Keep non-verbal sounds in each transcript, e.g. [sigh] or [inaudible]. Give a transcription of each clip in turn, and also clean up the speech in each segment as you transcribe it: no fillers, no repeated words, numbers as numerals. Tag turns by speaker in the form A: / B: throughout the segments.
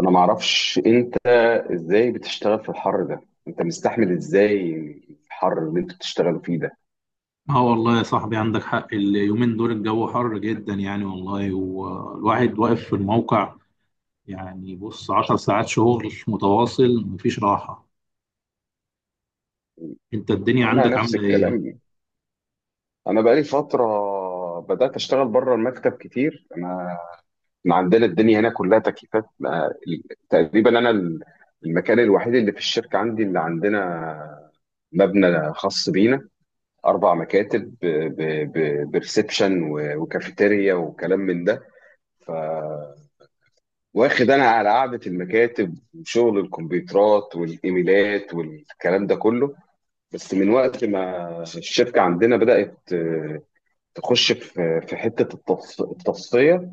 A: انا ما اعرفش انت ازاي بتشتغل في الحر ده. انت مستحمل ازاي الحر اللي انتوا بتشتغلوا فيه ده؟
B: اه والله يا صاحبي، عندك حق. اليومين دول الجو حر جدا يعني والله، والواحد واقف في الموقع يعني، بص، عشر ساعات شغل متواصل، مفيش راحة. انت الدنيا
A: انا
B: عندك
A: نفس
B: عاملة ايه؟
A: الكلام، انا بقالي فتره بدات اشتغل بره المكتب كتير انا. إحنا عندنا الدنيا هنا كلها تكييفات تقريبا انا المكان الوحيد اللي في الشركه عندي اللي عندنا مبنى خاص بينا، اربع مكاتب، بريسبشن وكافيتيريا وكلام من ده. واخد انا على قعده المكاتب وشغل الكمبيوترات والايميلات والكلام ده كله. بس من وقت ما الشركه عندنا بدات تخش في حته التصفيه.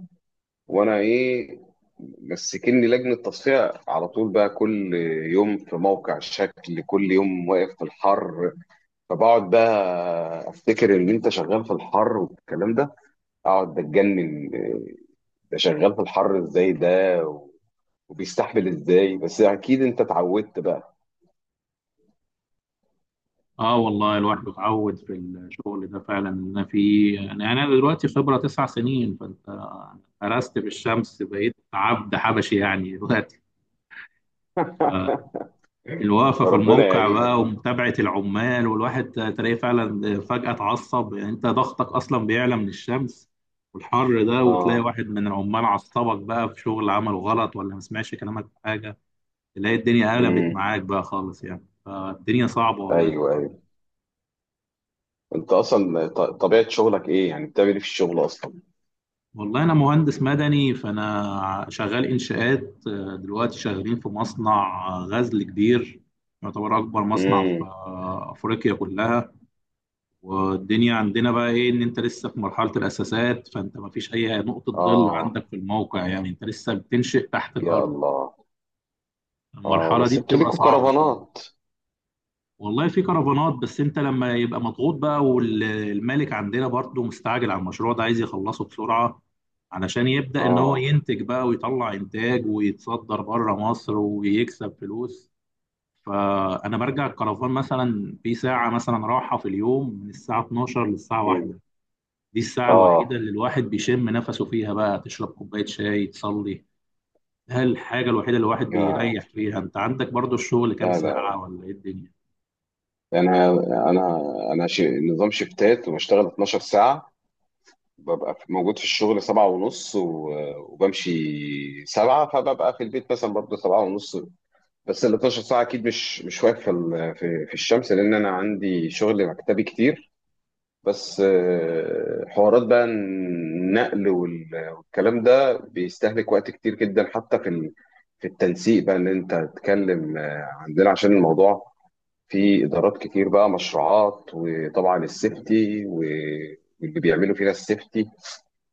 A: وانا ايه، مسكني لجنه تصفيه على طول بقى، كل يوم في موقع شكل، كل يوم واقف في الحر، فبقعد بقى افتكر ان انت شغال في الحر والكلام ده، اقعد اتجنن ده شغال في الحر ازاي ده وبيستحمل ازاي؟ بس اكيد انت اتعودت بقى.
B: اه والله الواحد اتعود في الشغل ده فعلا ان انا فيه يعني انا دلوقتي خبرة تسع سنين، فانت قرست في الشمس، بقيت عبد حبشي يعني دلوقتي. آه.
A: [laughs]
B: الوقفة في
A: ربنا
B: الموقع بقى
A: يعينك.
B: ومتابعة العمال، والواحد تلاقيه فعلا فجأة اتعصب يعني، انت ضغطك اصلا بيعلى من الشمس والحر ده، وتلاقي
A: اه.
B: واحد من العمال عصبك بقى في شغل عمله غلط، ولا ما سمعش كلامك في حاجة، تلاقي الدنيا قلبت
A: امم.
B: معاك بقى خالص يعني. فالدنيا صعبة والله في
A: ايوه
B: الحر ده.
A: ايوه. انت اصلا طبيعه شغلك ايه؟ يعني بتعمل ايه في الشغل اصلا؟
B: والله انا مهندس مدني، فانا شغال انشاءات. دلوقتي شغالين في مصنع غزل كبير، يعتبر اكبر مصنع في
A: امم.
B: افريقيا كلها. والدنيا عندنا بقى ايه؟ ان انت لسه في مرحله الاساسات، فانت ما فيش اي نقطه ظل
A: اه،
B: عندك في الموقع يعني، انت لسه بتنشئ تحت
A: يا
B: الارض.
A: الله. اه
B: المرحله دي
A: بس انتوا
B: بتبقى
A: ليكوا
B: صعبه شويه.
A: كرفانات.
B: والله في كرفانات، بس انت لما يبقى مضغوط بقى، والمالك عندنا برضه مستعجل على المشروع ده، عايز يخلصه بسرعه علشان يبدا ان هو
A: اه.
B: ينتج بقى ويطلع انتاج ويتصدر بره مصر ويكسب فلوس. فانا برجع الكرفان مثلا في ساعه مثلا راحه في اليوم، من الساعه 12 للساعه
A: مم.
B: 1. دي الساعة
A: اه.
B: الوحيدة اللي الواحد بيشم نفسه فيها بقى، تشرب كوباية شاي، تصلي. هل الحاجة الوحيدة اللي الواحد
A: يا،
B: بيريح فيها. انت عندك برضو الشغل كام
A: لا لا،
B: ساعة ولا ايه الدنيا؟
A: انا انا انا نظام شفتات وبشتغل 12 ساعه. ببقى موجود في الشغل سبعة ونص وبمشي سبعة، فببقى في البيت مثلا برضه سبعة ونص. بس ال 12 ساعة أكيد مش واقف في في الشمس، لأن أنا عندي شغل مكتبي كتير. بس حوارات بقى النقل والكلام ده بيستهلك وقت كتير جدا، حتى في في التنسيق بقى، ان انت تتكلم عندنا عشان الموضوع، في ادارات كتير بقى، مشروعات، وطبعا السيفتي واللي بيعملوا فينا السيفتي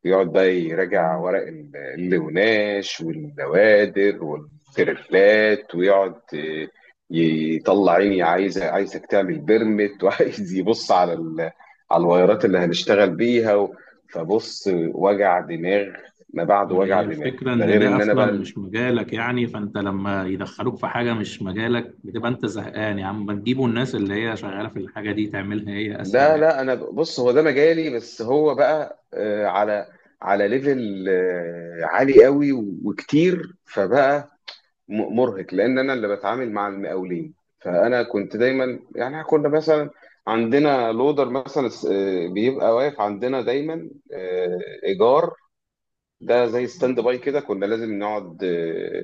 A: بيقعد بقى يراجع ورق اللوناش والنوادر والترفلات، ويقعد يطلع عيني، عايزك تعمل بيرمت، [laughs] وعايز يبص على على الوايرات اللي هنشتغل بيها فبص، وجع دماغ. ما بعد
B: يعني هي
A: وجع دماغ
B: الفكرة
A: ده
B: ان
A: غير
B: ده
A: ان انا
B: اصلا
A: بقى
B: مش مجالك يعني، فانت لما يدخلوك في حاجة مش مجالك بتبقى انت زهقان. يا عم ما تجيبوا الناس اللي هي شغالة في الحاجة دي، تعملها هي اسهل
A: لا
B: يعني.
A: لا، انا بص، هو ده مجالي، بس هو بقى على ليفل عالي قوي وكتير، فبقى مرهق لان انا اللي بتعامل مع المقاولين. فانا كنت دايما يعني، كنا مثلا عندنا لودر مثلا بيبقى واقف عندنا دايما ايجار، ده زي ستاند باي كده، كنا لازم نقعد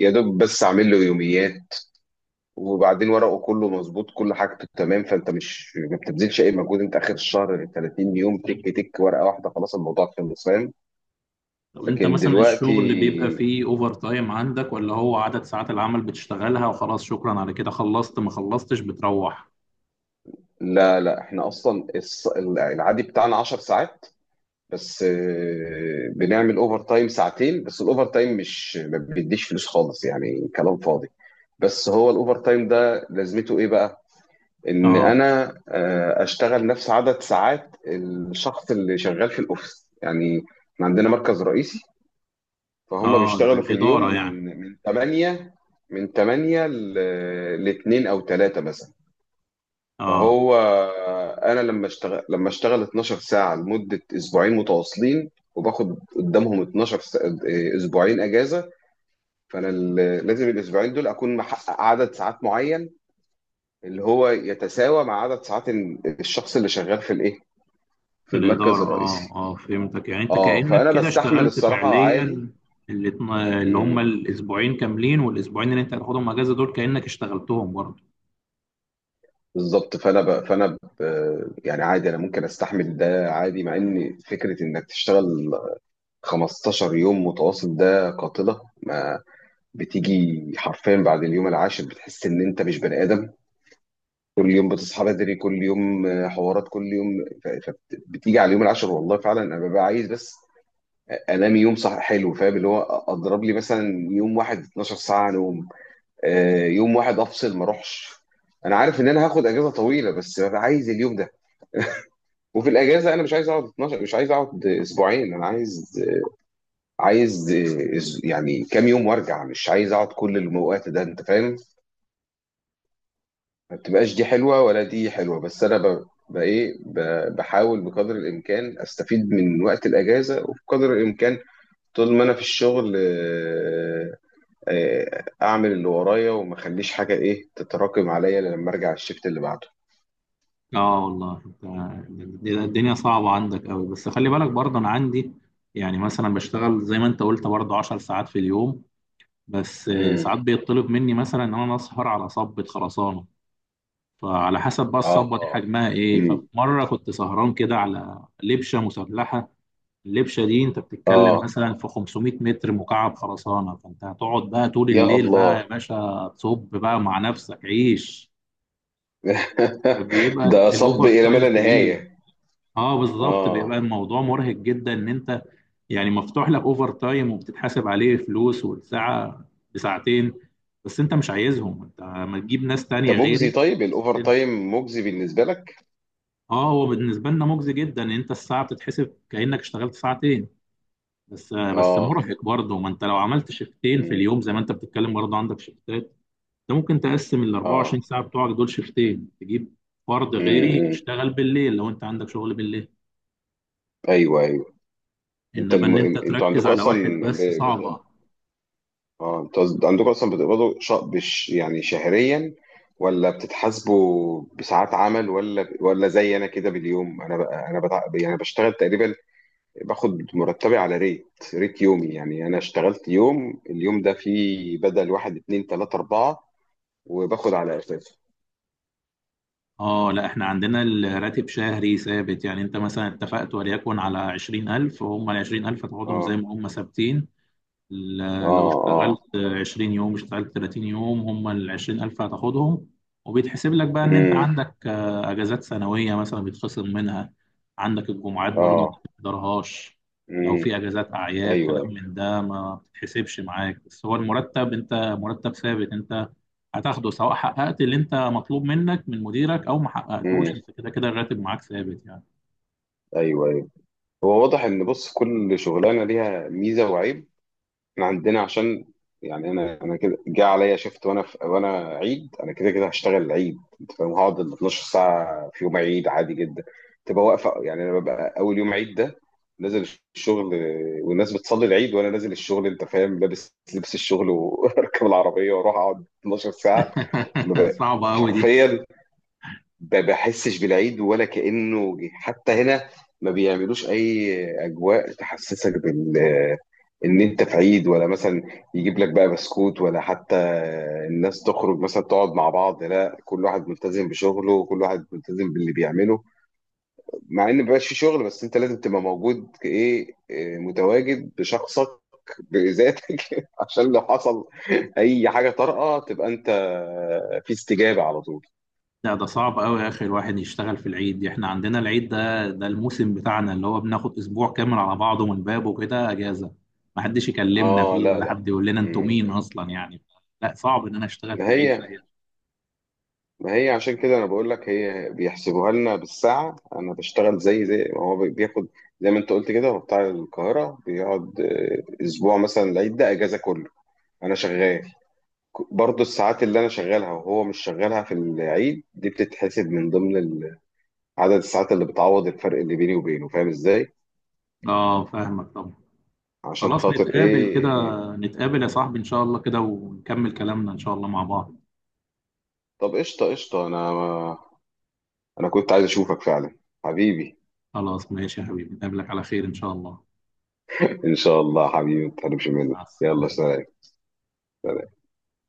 A: يا دوب بس اعمل له يوميات وبعدين ورقه، كله مظبوط، كل حاجته تمام، فانت مش ما بتبذلش اي مجهود، انت اخر الشهر 30 يوم تك تك ورقه واحده خلاص، الموضوع خلص، فاهم؟
B: طب انت
A: لكن
B: مثلا الشغل اللي بيبقى
A: دلوقتي
B: فيه اوفر تايم عندك، ولا هو عدد ساعات العمل بتشتغلها وخلاص، شكرا على كده، خلصت ما خلصتش بتروح؟
A: لا لا، احنا اصلا العادي بتاعنا 10 ساعات، بس بنعمل اوفر تايم ساعتين، بس الاوفر تايم مش ما بيديش فلوس خالص يعني، كلام فاضي. بس هو الاوفر تايم ده لازمته ايه بقى؟ ان
B: اه،
A: انا اشتغل نفس عدد ساعات الشخص اللي شغال في الاوفيس يعني. إحنا عندنا مركز رئيسي، فهم
B: اه، زي
A: بيشتغلوا في اليوم
B: الإدارة يعني.
A: من 8، من 8 ل 2 او 3 مثلا.
B: اه،
A: فهو انا لما اشتغل 12 ساعة لمدة اسبوعين متواصلين، وباخد قدامهم 12 اسبوعين اجازة. فانا لازم الاسبوعين دول اكون محقق عدد ساعات معين، اللي هو يتساوى مع عدد ساعات الشخص اللي شغال في الايه،
B: في
A: في المركز
B: الإدارة، اه،
A: الرئيسي.
B: اه، فهمتك يعني. انت
A: اه،
B: كأنك
A: فانا
B: كده
A: بستحمل
B: اشتغلت
A: الصراحه عادي.
B: فعليا. اللي اللي هم
A: امم،
B: الأسبوعين كاملين، والأسبوعين اللي انت هتاخدهم اجازة دول كأنك اشتغلتهم برضه.
A: بالظبط. يعني عادي، انا ممكن استحمل ده عادي، مع ان فكره انك تشتغل 15 يوم متواصل ده قاتله. ما بتيجي حرفيا بعد اليوم العاشر بتحس ان انت مش بني ادم. كل يوم بتصحى بدري، كل يوم حوارات، كل يوم فبتيجي على اليوم العاشر والله فعلا انا ببقى عايز بس انام يوم صح حلو، فاهم؟ اللي هو اضرب لي مثلا يوم واحد 12 ساعه نوم، يوم واحد افصل ما اروحش. انا عارف ان انا هاخد اجازه طويله، بس ببقى عايز اليوم ده. وفي الاجازه انا مش عايز اقعد 12، مش عايز اقعد اسبوعين، انا عايز، عايز يعني كام يوم وارجع، مش عايز اقعد كل الوقت ده، انت فاهم؟ ما بتبقاش دي حلوه ولا دي حلوه، بس انا ايه، بحاول بقدر الامكان استفيد من وقت الاجازه، وبقدر الامكان طول ما انا في الشغل اعمل اللي ورايا وما اخليش حاجه ايه تتراكم عليا لما ارجع الشفت اللي
B: اه والله انت، الدنيا صعبة عندك قوي، بس خلي بالك برضه انا عندي. يعني مثلا بشتغل زي ما انت قلت برضه 10 ساعات في اليوم. بس
A: بعده.
B: ساعات بيطلب مني مثلا ان انا اسهر على صبة خرسانة. فعلى حسب بقى الصبة دي
A: اه.
B: حجمها ايه. ففي
A: امم.
B: مرة كنت سهران كده على لبشة مسلحة. اللبشه دي انت بتتكلم
A: اه
B: مثلا في 500 متر مكعب خرسانه، فانت هتقعد بقى طول
A: يا
B: الليل بقى يا
A: الله.
B: باشا تصب بقى مع نفسك عيش.
A: [laughs]
B: فبيبقى
A: ده صب
B: الاوفر
A: الى ما
B: تايم
A: لا
B: كبير.
A: نهايه.
B: اه بالظبط،
A: اه.
B: بيبقى الموضوع مرهق جدا ان انت يعني مفتوح لك اوفر تايم وبتتحاسب عليه فلوس، والساعه بساعتين. بس انت مش عايزهم، انت ما تجيب ناس
A: انت
B: تانية
A: مجزي؟
B: غيري.
A: طيب الاوفر تايم مجزي بالنسبه لك؟
B: اه هو بالنسبه لنا مجزي جدا، ان انت الساعه بتتحسب كانك اشتغلت ساعتين. بس
A: اه.
B: مرهق برضه، ما انت لو عملت شيفتين في
A: امم.
B: اليوم زي ما انت بتتكلم برضه عندك شيفتات. انت ممكن تقسم ال
A: اه.
B: 24 ساعه بتوعك دول شيفتين، تجيب فرد
A: امم،
B: غيري
A: أمم.
B: يشتغل بالليل لو انت عندك شغل بالليل.
A: ايوه ايوه. انت
B: انما
A: الم...
B: ان انت
A: انتوا
B: تركز
A: عندكم
B: على واحد
A: اصلا
B: بس صعبه.
A: اه انتوا عندكم اصلا بتقبضوا يعني شهريا، ولا بتتحاسبوا بساعات عمل، ولا زي انا كده باليوم؟ انا يعني بشتغل تقريبا، باخد مرتبي على ريت، ريت يومي. يعني انا اشتغلت يوم، اليوم ده فيه بدل واحد اتنين تلاتة اربعة، وباخد على اساسه.
B: اه، لا احنا عندنا الراتب شهري ثابت يعني، انت مثلا اتفقت وليكن على 20,000، وهم ال 20,000 هتقعدهم زي
A: اه.
B: ما هم ثابتين. لو
A: اه.
B: اشتغلت
A: اه.
B: 20 يوم اشتغلت 30 يوم، هم ال 20,000 هتاخدهم. وبيتحسب لك بقى ان انت
A: امم.
B: عندك اجازات سنويه مثلا بيتخصم منها. عندك الجمعات برضه
A: اه.
B: ما بتقدرهاش. لو
A: امم.
B: في اجازات اعياد
A: ايوه.
B: كلام من ده ما بتتحسبش معاك. بس هو المرتب، انت مرتب ثابت، انت هتاخده سواء حققت اللي انت مطلوب منك من مديرك او ما
A: امم.
B: حققتوش، انت كده كده الراتب معاك ثابت يعني.
A: ايوه ايوه. هو واضح ان، بص، كل شغلانه ليها ميزه وعيب. احنا عندنا عشان، يعني انا كده جه عليا شفت، وانا عيد، انا كده كده هشتغل العيد، انت فاهم، هقعد ال 12 ساعه في يوم عيد عادي جدا. تبقى واقفه يعني، انا ببقى اول يوم عيد ده نازل الشغل والناس بتصلي العيد وانا نازل الشغل، انت فاهم، لابس لبس الشغل واركب [laughs] العربيه واروح اقعد 12 ساعه. ما
B: [laughs]
A: بقى-
B: صعبه قوي دي.
A: حرفيا بحسش بالعيد ولا كأنه جه. حتى هنا ما بيعملوش اي اجواء تحسسك ان انت في عيد، ولا مثلا يجيب لك بقى بسكوت، ولا حتى الناس تخرج مثلا تقعد مع بعض. لا، كل واحد ملتزم بشغله وكل واحد ملتزم باللي بيعمله، مع ان مبقاش في شغل، بس انت لازم تبقى موجود كايه، متواجد بشخصك بذاتك، [laughs] عشان لو حصل اي حاجه طارئه تبقى انت في استجابه على طول.
B: لا ده صعب قوي يا اخي الواحد يشتغل في العيد. احنا عندنا العيد ده ده الموسم بتاعنا، اللي هو بناخد اسبوع كامل على بعضه من بابه كده اجازه. ما حدش يكلمنا
A: اه
B: فيه
A: لا
B: ولا
A: لا.
B: حد يقول لنا انتوا مين
A: مم.
B: اصلا يعني. لا صعب ان انا اشتغل في
A: ما
B: العيد زي
A: هي
B: ده.
A: ما هي عشان كده انا بقول لك، هي بيحسبوها لنا بالساعه. انا بشتغل زي ما هو بياخد، زي ما انت قلت كده، هو بتاع القاهره بيقعد اسبوع مثلا العيد ده اجازه كله، انا شغال، برضه الساعات اللي انا شغالها وهو مش شغالها في العيد دي بتتحسب من ضمن عدد الساعات اللي بتعوض الفرق اللي بيني وبينه، فاهم ازاي؟
B: اه فاهمك طبعا.
A: عشان
B: خلاص
A: خاطر
B: نتقابل كده،
A: ايه.
B: نتقابل يا صاحبي ان شاء الله كده ونكمل كلامنا ان شاء الله مع بعض.
A: طب قشطه قشطه. انا كنت عايز اشوفك فعلا، حبيبي.
B: خلاص ماشي يا حبيبي، نقابلك على خير ان شاء الله.
A: ان شاء الله حبيبي، ما تحرمش
B: مع
A: مني، يلا
B: السلامه.
A: سلام.